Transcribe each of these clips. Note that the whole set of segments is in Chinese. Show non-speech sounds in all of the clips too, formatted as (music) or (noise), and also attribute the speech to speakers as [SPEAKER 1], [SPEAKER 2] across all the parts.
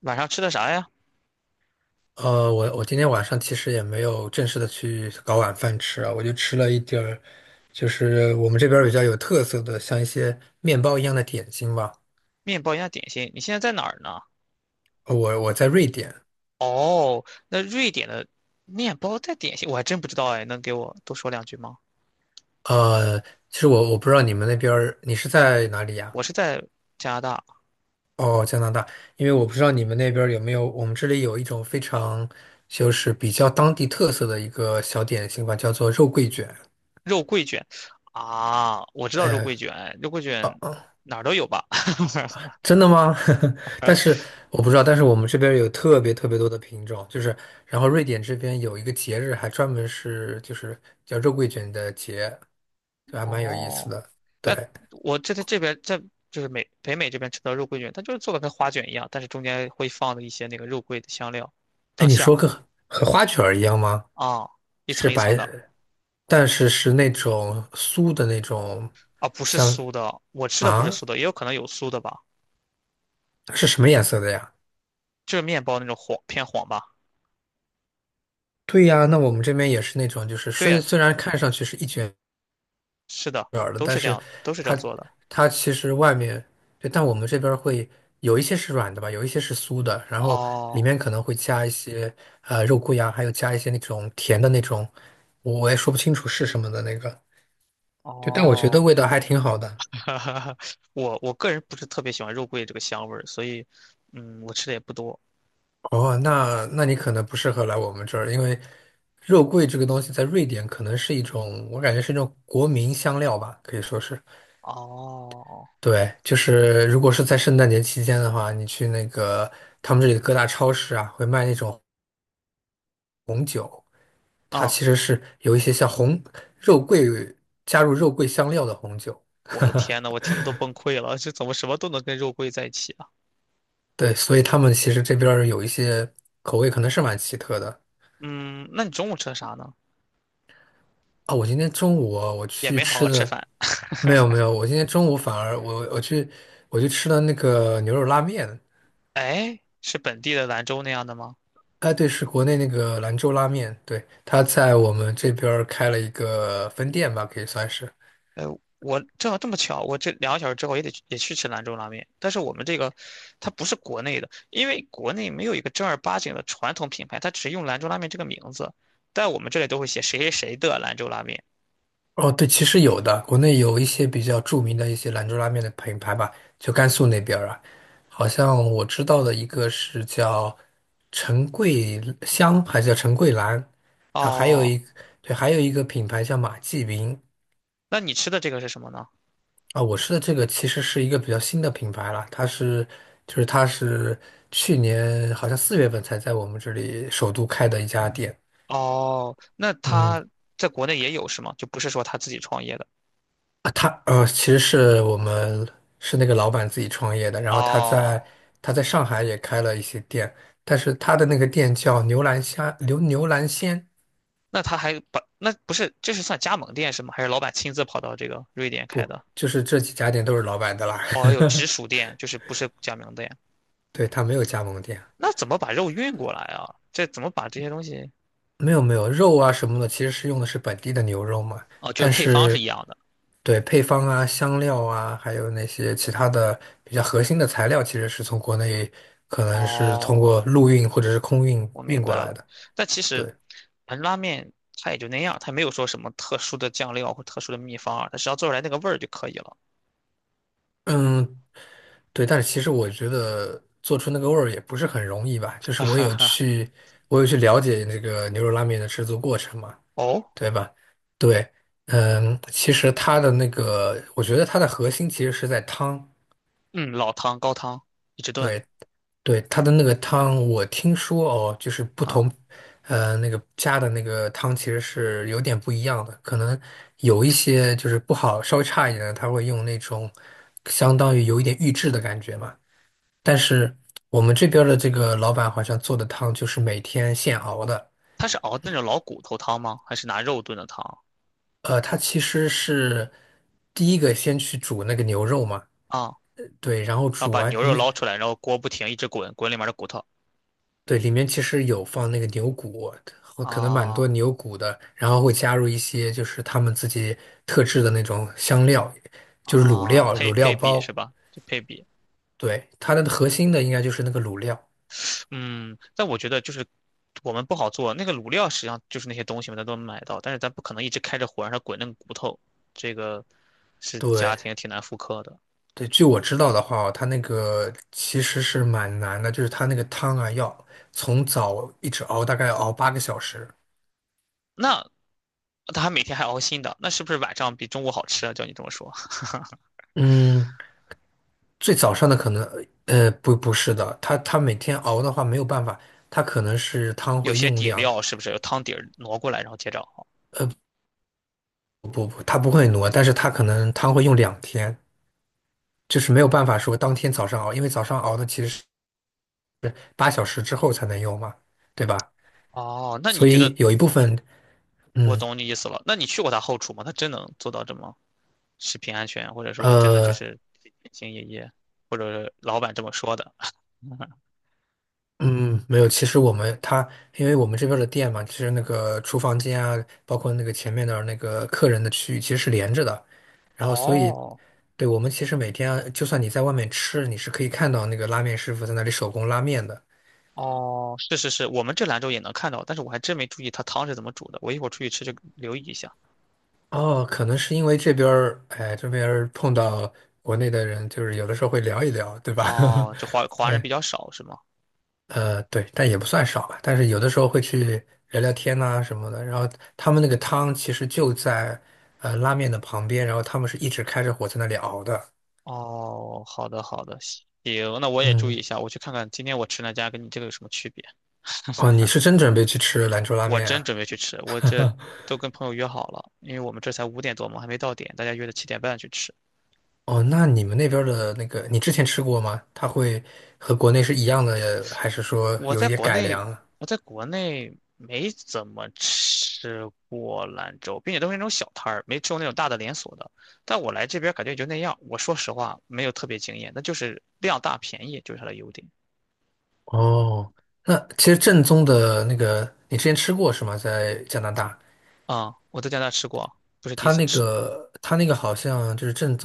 [SPEAKER 1] 晚上吃的啥呀？
[SPEAKER 2] 我今天晚上其实也没有正式的去搞晚饭吃啊，我就吃了一点儿，就是我们这边儿比较有特色的，像一些面包一样的点心吧。
[SPEAKER 1] 面包加点心。你现在在哪儿呢？
[SPEAKER 2] 我在瑞典。
[SPEAKER 1] 哦，那瑞典的面包带点心，我还真不知道哎，能给我多说两句吗？
[SPEAKER 2] 呃，其实我不知道你们那边儿，你是在哪里呀？
[SPEAKER 1] 我是在加拿大，
[SPEAKER 2] 哦，加拿大。因为我不知道你们那边儿有没有，我们这里有一种非常就是比较当地特色的一个小点心吧，叫做肉桂卷。
[SPEAKER 1] 肉桂卷啊，我知道肉
[SPEAKER 2] 哎。
[SPEAKER 1] 桂卷，肉桂
[SPEAKER 2] 哦，
[SPEAKER 1] 卷
[SPEAKER 2] 嗯。
[SPEAKER 1] 哪儿都有吧？(laughs)
[SPEAKER 2] 真的吗？(laughs) 但是我不知道，但是我们这边有特别特别多的品种，就是，然后瑞典这边有一个节日，还专门是就是叫肉桂卷的节，就还蛮有意思
[SPEAKER 1] 哦，
[SPEAKER 2] 的。
[SPEAKER 1] 但
[SPEAKER 2] 对。
[SPEAKER 1] 我这在这边在就是北美这边吃的肉桂卷，它就是做的跟花卷一样，但是中间会放的一些那个肉桂的香料
[SPEAKER 2] 哎，
[SPEAKER 1] 当
[SPEAKER 2] 你
[SPEAKER 1] 馅儿
[SPEAKER 2] 说个和花卷儿一样吗？
[SPEAKER 1] 啊，一
[SPEAKER 2] 是
[SPEAKER 1] 层一层
[SPEAKER 2] 白，
[SPEAKER 1] 的
[SPEAKER 2] 但是是那种酥的那种。
[SPEAKER 1] 啊，不是
[SPEAKER 2] 像
[SPEAKER 1] 酥的，我吃的不是
[SPEAKER 2] 啊，
[SPEAKER 1] 酥的，也有可能有酥的吧。
[SPEAKER 2] 是什么颜色的呀？
[SPEAKER 1] 就是面包那种黄偏黄吧？
[SPEAKER 2] 对呀，那我们这边也是那种，就是
[SPEAKER 1] 对
[SPEAKER 2] 虽
[SPEAKER 1] 呀，
[SPEAKER 2] 虽然看上去是一卷。
[SPEAKER 1] 是的，
[SPEAKER 2] 软的，
[SPEAKER 1] 都
[SPEAKER 2] 但
[SPEAKER 1] 是这
[SPEAKER 2] 是
[SPEAKER 1] 样，都是这样
[SPEAKER 2] 它
[SPEAKER 1] 做的。
[SPEAKER 2] 它其实外面，对，但我们这边儿会有一些是软的吧，有一些是酥的，然后里
[SPEAKER 1] 哦
[SPEAKER 2] 面可能会加一些肉桂呀，还有加一些那种甜的那种，我也说不清楚是什么的那个，就但我觉
[SPEAKER 1] 哦，
[SPEAKER 2] 得味道还挺好的。
[SPEAKER 1] (laughs) 我个人不是特别喜欢肉桂这个香味儿，所以嗯，我吃的也不多。
[SPEAKER 2] 哦，那你可能不适合来我们这儿，因为肉桂这个东西在瑞典可能是一种，我感觉是一种国民香料吧，可以说是。
[SPEAKER 1] 哦
[SPEAKER 2] 对，就是如果是在圣诞节期间的话，你去那个他们这里的各大超市啊，会卖那种它
[SPEAKER 1] 啊，
[SPEAKER 2] 其实是有一些像红肉桂加入肉桂香料的红酒。
[SPEAKER 1] 我的天呐，我听的都崩溃了，这怎么什么都能跟肉桂在一起啊？
[SPEAKER 2] 对，所以他们其实这边儿有一些口味可能是蛮奇特的。
[SPEAKER 1] 嗯，那你中午吃的啥呢？
[SPEAKER 2] 啊。我今天中午啊我
[SPEAKER 1] 也
[SPEAKER 2] 去
[SPEAKER 1] 没好
[SPEAKER 2] 吃
[SPEAKER 1] 好吃
[SPEAKER 2] 的，
[SPEAKER 1] 饭。
[SPEAKER 2] 没有没有，我今天中午反而我去吃了那个牛肉拉面。
[SPEAKER 1] 哎，是本地的兰州那样的吗？
[SPEAKER 2] 哎对，是国内那个兰州拉面，对，他在我们这边儿开了一个分店吧，可以算是。
[SPEAKER 1] 呃，我正好这么巧，我这2个小时之后也得去也去吃兰州拉面，但是我们这个它不是国内的，因为国内没有一个正儿八经的传统品牌，它只用兰州拉面这个名字，在我们这里都会写谁谁谁的兰州拉面。
[SPEAKER 2] 哦，对，其实有的，国内有一些比较著名的一些兰州拉面的品牌吧，就甘肃那边儿啊，好像我知道的一个是叫陈桂香，还是叫陈桂兰，然后还有
[SPEAKER 1] 哦，
[SPEAKER 2] 一对，还有一个品牌叫马记云。
[SPEAKER 1] 那你吃的这个是什么呢？
[SPEAKER 2] 啊。我吃的这个其实是一个比较新的品牌了，它是去年好像4月份才在我们这里首都开的一家店。
[SPEAKER 1] 哦，那
[SPEAKER 2] 嗯。
[SPEAKER 1] 他在国内也有是吗？就不是说他自己创业的。
[SPEAKER 2] 啊，他其实是我们是那个老板自己创业的，然后他
[SPEAKER 1] 哦，
[SPEAKER 2] 在他在上海也开了一些店，但是他的那个店叫牛兰虾牛牛兰鲜。
[SPEAKER 1] 那他还把那不是这是算加盟店是吗？还是老板亲自跑到这个瑞典开的？
[SPEAKER 2] 就是这几家店都是老板的啦。
[SPEAKER 1] 哦，有直
[SPEAKER 2] (laughs)
[SPEAKER 1] 属店，就是不是加盟店。
[SPEAKER 2] 对，他没有加盟店。
[SPEAKER 1] 那怎么把肉运过来啊？这怎么把这些东西？
[SPEAKER 2] 没有没有肉啊什么的，其实是用的是本地的牛肉嘛，
[SPEAKER 1] 哦，就是
[SPEAKER 2] 但
[SPEAKER 1] 配方是一
[SPEAKER 2] 是
[SPEAKER 1] 样的。
[SPEAKER 2] 对配方啊、香料啊，还有那些其他的比较核心的材料，其实是从国内可能是通
[SPEAKER 1] 哦，
[SPEAKER 2] 过陆运或者是空运
[SPEAKER 1] 我
[SPEAKER 2] 运
[SPEAKER 1] 明白
[SPEAKER 2] 过来
[SPEAKER 1] 了。
[SPEAKER 2] 的。
[SPEAKER 1] 但其实，
[SPEAKER 2] 对。
[SPEAKER 1] 盆拉面它也就那样，它没有说什么特殊的酱料或特殊的秘方啊，它只要做出来那个味儿就可以了。
[SPEAKER 2] 嗯，对，但是其实我觉得做出那个味儿也不是很容易吧，就
[SPEAKER 1] (laughs) 哈
[SPEAKER 2] 是
[SPEAKER 1] 哈哈。
[SPEAKER 2] 我有去了解那个牛肉拉面的制作过程嘛，
[SPEAKER 1] 哦，
[SPEAKER 2] 对吧？对。嗯，其实它的那个，我觉得它的核心其实是在汤。
[SPEAKER 1] 嗯，老汤、高汤一直炖
[SPEAKER 2] 对对，它的那个汤，我听说哦，就是不
[SPEAKER 1] 啊，
[SPEAKER 2] 同，那个加的那个汤其实是有点不一样的，可能有一些就是不好，稍微差一点的，它会用那种相当于有一点预制的感觉嘛。但是我们这边儿的这个老板好像做的汤就是每天现熬的。
[SPEAKER 1] 它是熬那种老骨头汤吗？还是拿肉炖的汤
[SPEAKER 2] 他其实是第一个先去煮那个牛肉嘛，
[SPEAKER 1] 啊？
[SPEAKER 2] 对，然后
[SPEAKER 1] 然后
[SPEAKER 2] 煮
[SPEAKER 1] 把
[SPEAKER 2] 完，
[SPEAKER 1] 牛肉
[SPEAKER 2] 嗯，
[SPEAKER 1] 捞出来，然后锅不停一直滚，滚里面的骨头
[SPEAKER 2] 对，里面其实有放那个牛骨，和可能蛮
[SPEAKER 1] 啊
[SPEAKER 2] 多牛骨的，然后会加入一些就是他们自己特制的那种香料，就是卤
[SPEAKER 1] 啊，
[SPEAKER 2] 料、
[SPEAKER 1] 配
[SPEAKER 2] 卤料
[SPEAKER 1] 配比是
[SPEAKER 2] 包。
[SPEAKER 1] 吧？就配比。
[SPEAKER 2] 对，它的核心的应该就是那个卤料。
[SPEAKER 1] 嗯，但我觉得就是我们不好做，那个卤料实际上就是那些东西嘛，咱都能买到，但是咱不可能一直开着火让它滚那个骨头，这个是家
[SPEAKER 2] 对。
[SPEAKER 1] 庭挺难复刻的。
[SPEAKER 2] 对，据我知道的话，它那个其实是蛮难的，就是它那个汤啊，要从早一直熬，大概要熬8个小时。
[SPEAKER 1] 那他还每天还熬新的，那是不是晚上比中午好吃啊？照你这么说，(laughs)
[SPEAKER 2] 嗯，最早上的可能，不，不是的，它每天熬的话没有办法，它可能是汤
[SPEAKER 1] 有
[SPEAKER 2] 会
[SPEAKER 1] 些
[SPEAKER 2] 用
[SPEAKER 1] 底
[SPEAKER 2] 两，
[SPEAKER 1] 料是不是有汤底儿挪过来然后接着熬？
[SPEAKER 2] 它不会挪，但是它可能汤会用2天，就是没有办法说当天早上熬，因为早上熬的其实是8小时之后才能用嘛，对吧？
[SPEAKER 1] 哦，那你
[SPEAKER 2] 所
[SPEAKER 1] 觉
[SPEAKER 2] 以
[SPEAKER 1] 得
[SPEAKER 2] 有一部分，
[SPEAKER 1] 我
[SPEAKER 2] 嗯。
[SPEAKER 1] 懂你意思了？那你去过他后厨吗？他真能做到这么食品安全，或者说真的就
[SPEAKER 2] 呃。
[SPEAKER 1] 是兢兢业业，或者是老板这么说的？(laughs)
[SPEAKER 2] 嗯，没有。其实我们他，因为我们这边儿的店嘛，其实那个厨房间啊，包括那个前面的那个客人的区域，其实是连着的。然后，所以，
[SPEAKER 1] 哦，
[SPEAKER 2] 对，我们其实每天啊就算你在外面吃，你是可以看到那个拉面师傅在那里手工拉面的。
[SPEAKER 1] 哦，是是是，我们这兰州也能看到，但是我还真没注意它汤是怎么煮的。我一会儿出去吃就留意一下。
[SPEAKER 2] 哦，可能是因为这边儿，这边儿碰到国内的人，就是有的时候会聊一聊，对吧？
[SPEAKER 1] 哦，这华
[SPEAKER 2] (laughs)
[SPEAKER 1] 华人
[SPEAKER 2] 对。
[SPEAKER 1] 比较少是吗？
[SPEAKER 2] 对，但也不算少吧。但是有的时候会去聊聊天呐、什么的。然后他们那个汤其实就在拉面的旁边，然后他们是一直开着火在那里熬的。
[SPEAKER 1] 哦，好的好的，行，那我也注意
[SPEAKER 2] 嗯。
[SPEAKER 1] 一下，我去看看今天我吃那家跟你这个有什么区别。
[SPEAKER 2] 哦，你是真准备去吃兰州拉
[SPEAKER 1] 我
[SPEAKER 2] 面
[SPEAKER 1] 真
[SPEAKER 2] 啊？
[SPEAKER 1] 准备去吃，我这都跟朋友约好了，因为我们这才5点多嘛，还没到点，大家约的7点半去吃。
[SPEAKER 2] 哦，那你们那边儿的那个，你之前吃过吗？它会和国内是一样的，还是说
[SPEAKER 1] 我
[SPEAKER 2] 有
[SPEAKER 1] 在
[SPEAKER 2] 一点
[SPEAKER 1] 国
[SPEAKER 2] 改
[SPEAKER 1] 内，
[SPEAKER 2] 良啊？
[SPEAKER 1] 我在国内没怎么吃过兰州，并且都是那种小摊儿，没吃过那种大的连锁的。但我来这边感觉也就那样。我说实话，没有特别惊艳，那就是量大便宜，就是它的优点。
[SPEAKER 2] 哦，那其实正宗的那个，你之前吃过是吗？在加拿大。
[SPEAKER 1] 啊、我在加拿大吃过，不是第一
[SPEAKER 2] 它
[SPEAKER 1] 次
[SPEAKER 2] 那
[SPEAKER 1] 吃。
[SPEAKER 2] 个好像就是正。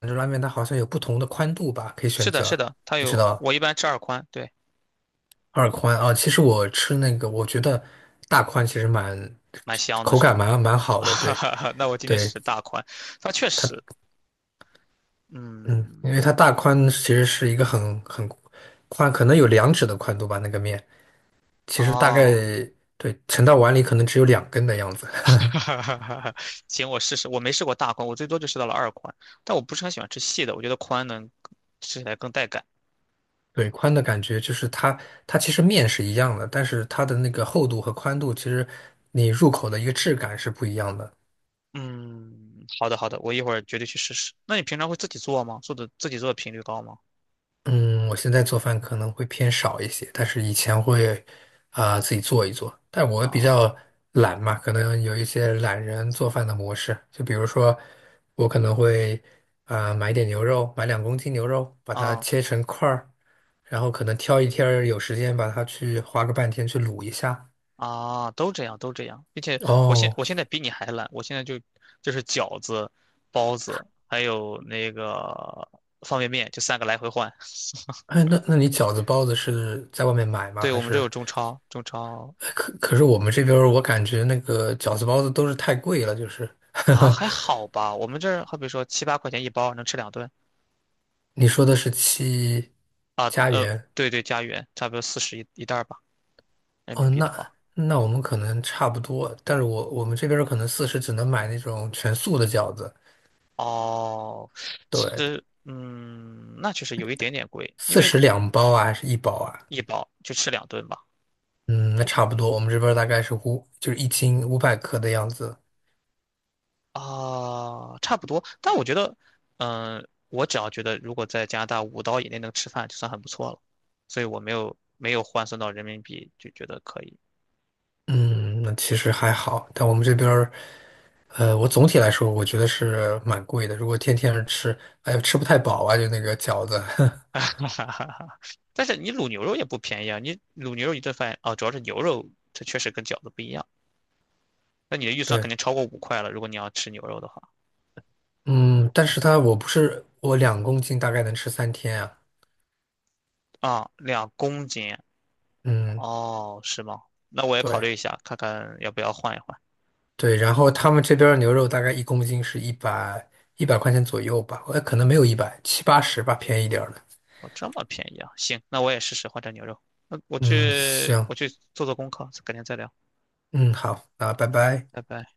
[SPEAKER 2] 兰州拉面它好像有不同的宽度吧，可以
[SPEAKER 1] 是
[SPEAKER 2] 选
[SPEAKER 1] 的，是
[SPEAKER 2] 择。
[SPEAKER 1] 的，它
[SPEAKER 2] 你知
[SPEAKER 1] 有，
[SPEAKER 2] 道
[SPEAKER 1] 我一般吃二宽，对，
[SPEAKER 2] 二宽啊。其实我吃那个，我觉得大宽其实
[SPEAKER 1] 蛮香的，
[SPEAKER 2] 口
[SPEAKER 1] 是
[SPEAKER 2] 感
[SPEAKER 1] 吗？
[SPEAKER 2] 蛮
[SPEAKER 1] (laughs)
[SPEAKER 2] 好的。
[SPEAKER 1] 哈
[SPEAKER 2] 对
[SPEAKER 1] 哈哈那我今天试
[SPEAKER 2] 对，
[SPEAKER 1] 试大宽，它确
[SPEAKER 2] 它
[SPEAKER 1] 实，
[SPEAKER 2] 嗯，因为
[SPEAKER 1] 嗯，
[SPEAKER 2] 它大宽其实是一个很宽，可能有两指的宽度吧，那个面其实大概，
[SPEAKER 1] 哦。
[SPEAKER 2] 对，盛到碗里可能只有两根的样子。(laughs)
[SPEAKER 1] (laughs) 哈哈哈哈行，我试试。我没试过大宽，我最多就试到了二宽，但我不是很喜欢吃细的，我觉得宽能吃起来更带感。
[SPEAKER 2] 对，宽的感觉就是它其实面是一样的，但是它的那个厚度和宽度，其实你入口的一个质感是不一样的。
[SPEAKER 1] 嗯，好的好的，我一会儿绝对去试试。那你平常会自己做吗？做的自己做的频率高吗？
[SPEAKER 2] 嗯，我现在做饭可能会偏少一些，但是以前会啊、自己做一做。但我比
[SPEAKER 1] 啊
[SPEAKER 2] 较懒嘛，可能有一些懒人做饭的模式，就比如说我可能会啊、买点牛肉，买两公斤牛肉，把它
[SPEAKER 1] 啊
[SPEAKER 2] 切成块儿，然后可能挑一天儿有时间把它去花个半天去卤一下。
[SPEAKER 1] 都这样都这样，并且我现
[SPEAKER 2] 哦，
[SPEAKER 1] 我现在比你还懒，我现在就是饺子、包子，还有那个方便面，就三个来回换。
[SPEAKER 2] 哎，那那你饺子包子是在外面买吗？
[SPEAKER 1] 对，
[SPEAKER 2] 还
[SPEAKER 1] 我们这有
[SPEAKER 2] 是
[SPEAKER 1] 中超，中超
[SPEAKER 2] 可是我们这边儿我感觉那个饺子包子都是太贵了，就是。
[SPEAKER 1] 啊还
[SPEAKER 2] (laughs)
[SPEAKER 1] 好吧，我们这儿好比说七八块钱一包，能吃两顿。
[SPEAKER 2] 你说的是七
[SPEAKER 1] 啊，
[SPEAKER 2] 家园？
[SPEAKER 1] 对对，加元差不多40一袋儿吧，人
[SPEAKER 2] 哦，
[SPEAKER 1] 民币的话。
[SPEAKER 2] 那我们可能差不多，但是我们这边儿可能四十只能买那种全素的饺子，
[SPEAKER 1] 哦，其
[SPEAKER 2] 对，
[SPEAKER 1] 实，嗯，那确实有一点点贵，因
[SPEAKER 2] 四
[SPEAKER 1] 为
[SPEAKER 2] 十两包啊，还是一包啊？
[SPEAKER 1] 一包就吃两顿吧。
[SPEAKER 2] 嗯，那差不多，我们这边儿大概是五，就是1斤500克的样子。
[SPEAKER 1] 啊，差不多。但我觉得，嗯，我只要觉得如果在加拿大5刀以内能吃饭，就算很不错了。所以我没有没有换算到人民币，就觉得可以。
[SPEAKER 2] 嗯，那其实还好，但我们这边儿我总体来说我觉得是蛮贵的，如果天天吃，哎呦，吃不太饱啊，就那个饺子，
[SPEAKER 1] (laughs) 哈哈哈。但是你卤牛肉也不便宜啊，你卤牛肉一顿饭啊，主要是牛肉，它确实跟饺子不一样。那你的预
[SPEAKER 2] (laughs)
[SPEAKER 1] 算肯
[SPEAKER 2] 对。
[SPEAKER 1] 定超过5块了，如果你要吃牛肉的话。
[SPEAKER 2] 嗯，但是它我不是我两公斤大概能吃3天啊，
[SPEAKER 1] 啊，2公斤，
[SPEAKER 2] 嗯，
[SPEAKER 1] 哦，是吗？那我也考
[SPEAKER 2] 对
[SPEAKER 1] 虑一下，看看要不要换一换。
[SPEAKER 2] 对，然后他们这边儿牛肉大概1公斤是一百块钱左右吧，可能没有一百，七八十吧，便宜点儿的。
[SPEAKER 1] 哦，这么便宜啊！行，那我也试试换成牛肉。那我
[SPEAKER 2] 嗯，
[SPEAKER 1] 去，
[SPEAKER 2] 行，
[SPEAKER 1] 我去做做功课，改天再聊，
[SPEAKER 2] 嗯，好，那拜拜。
[SPEAKER 1] 拜拜。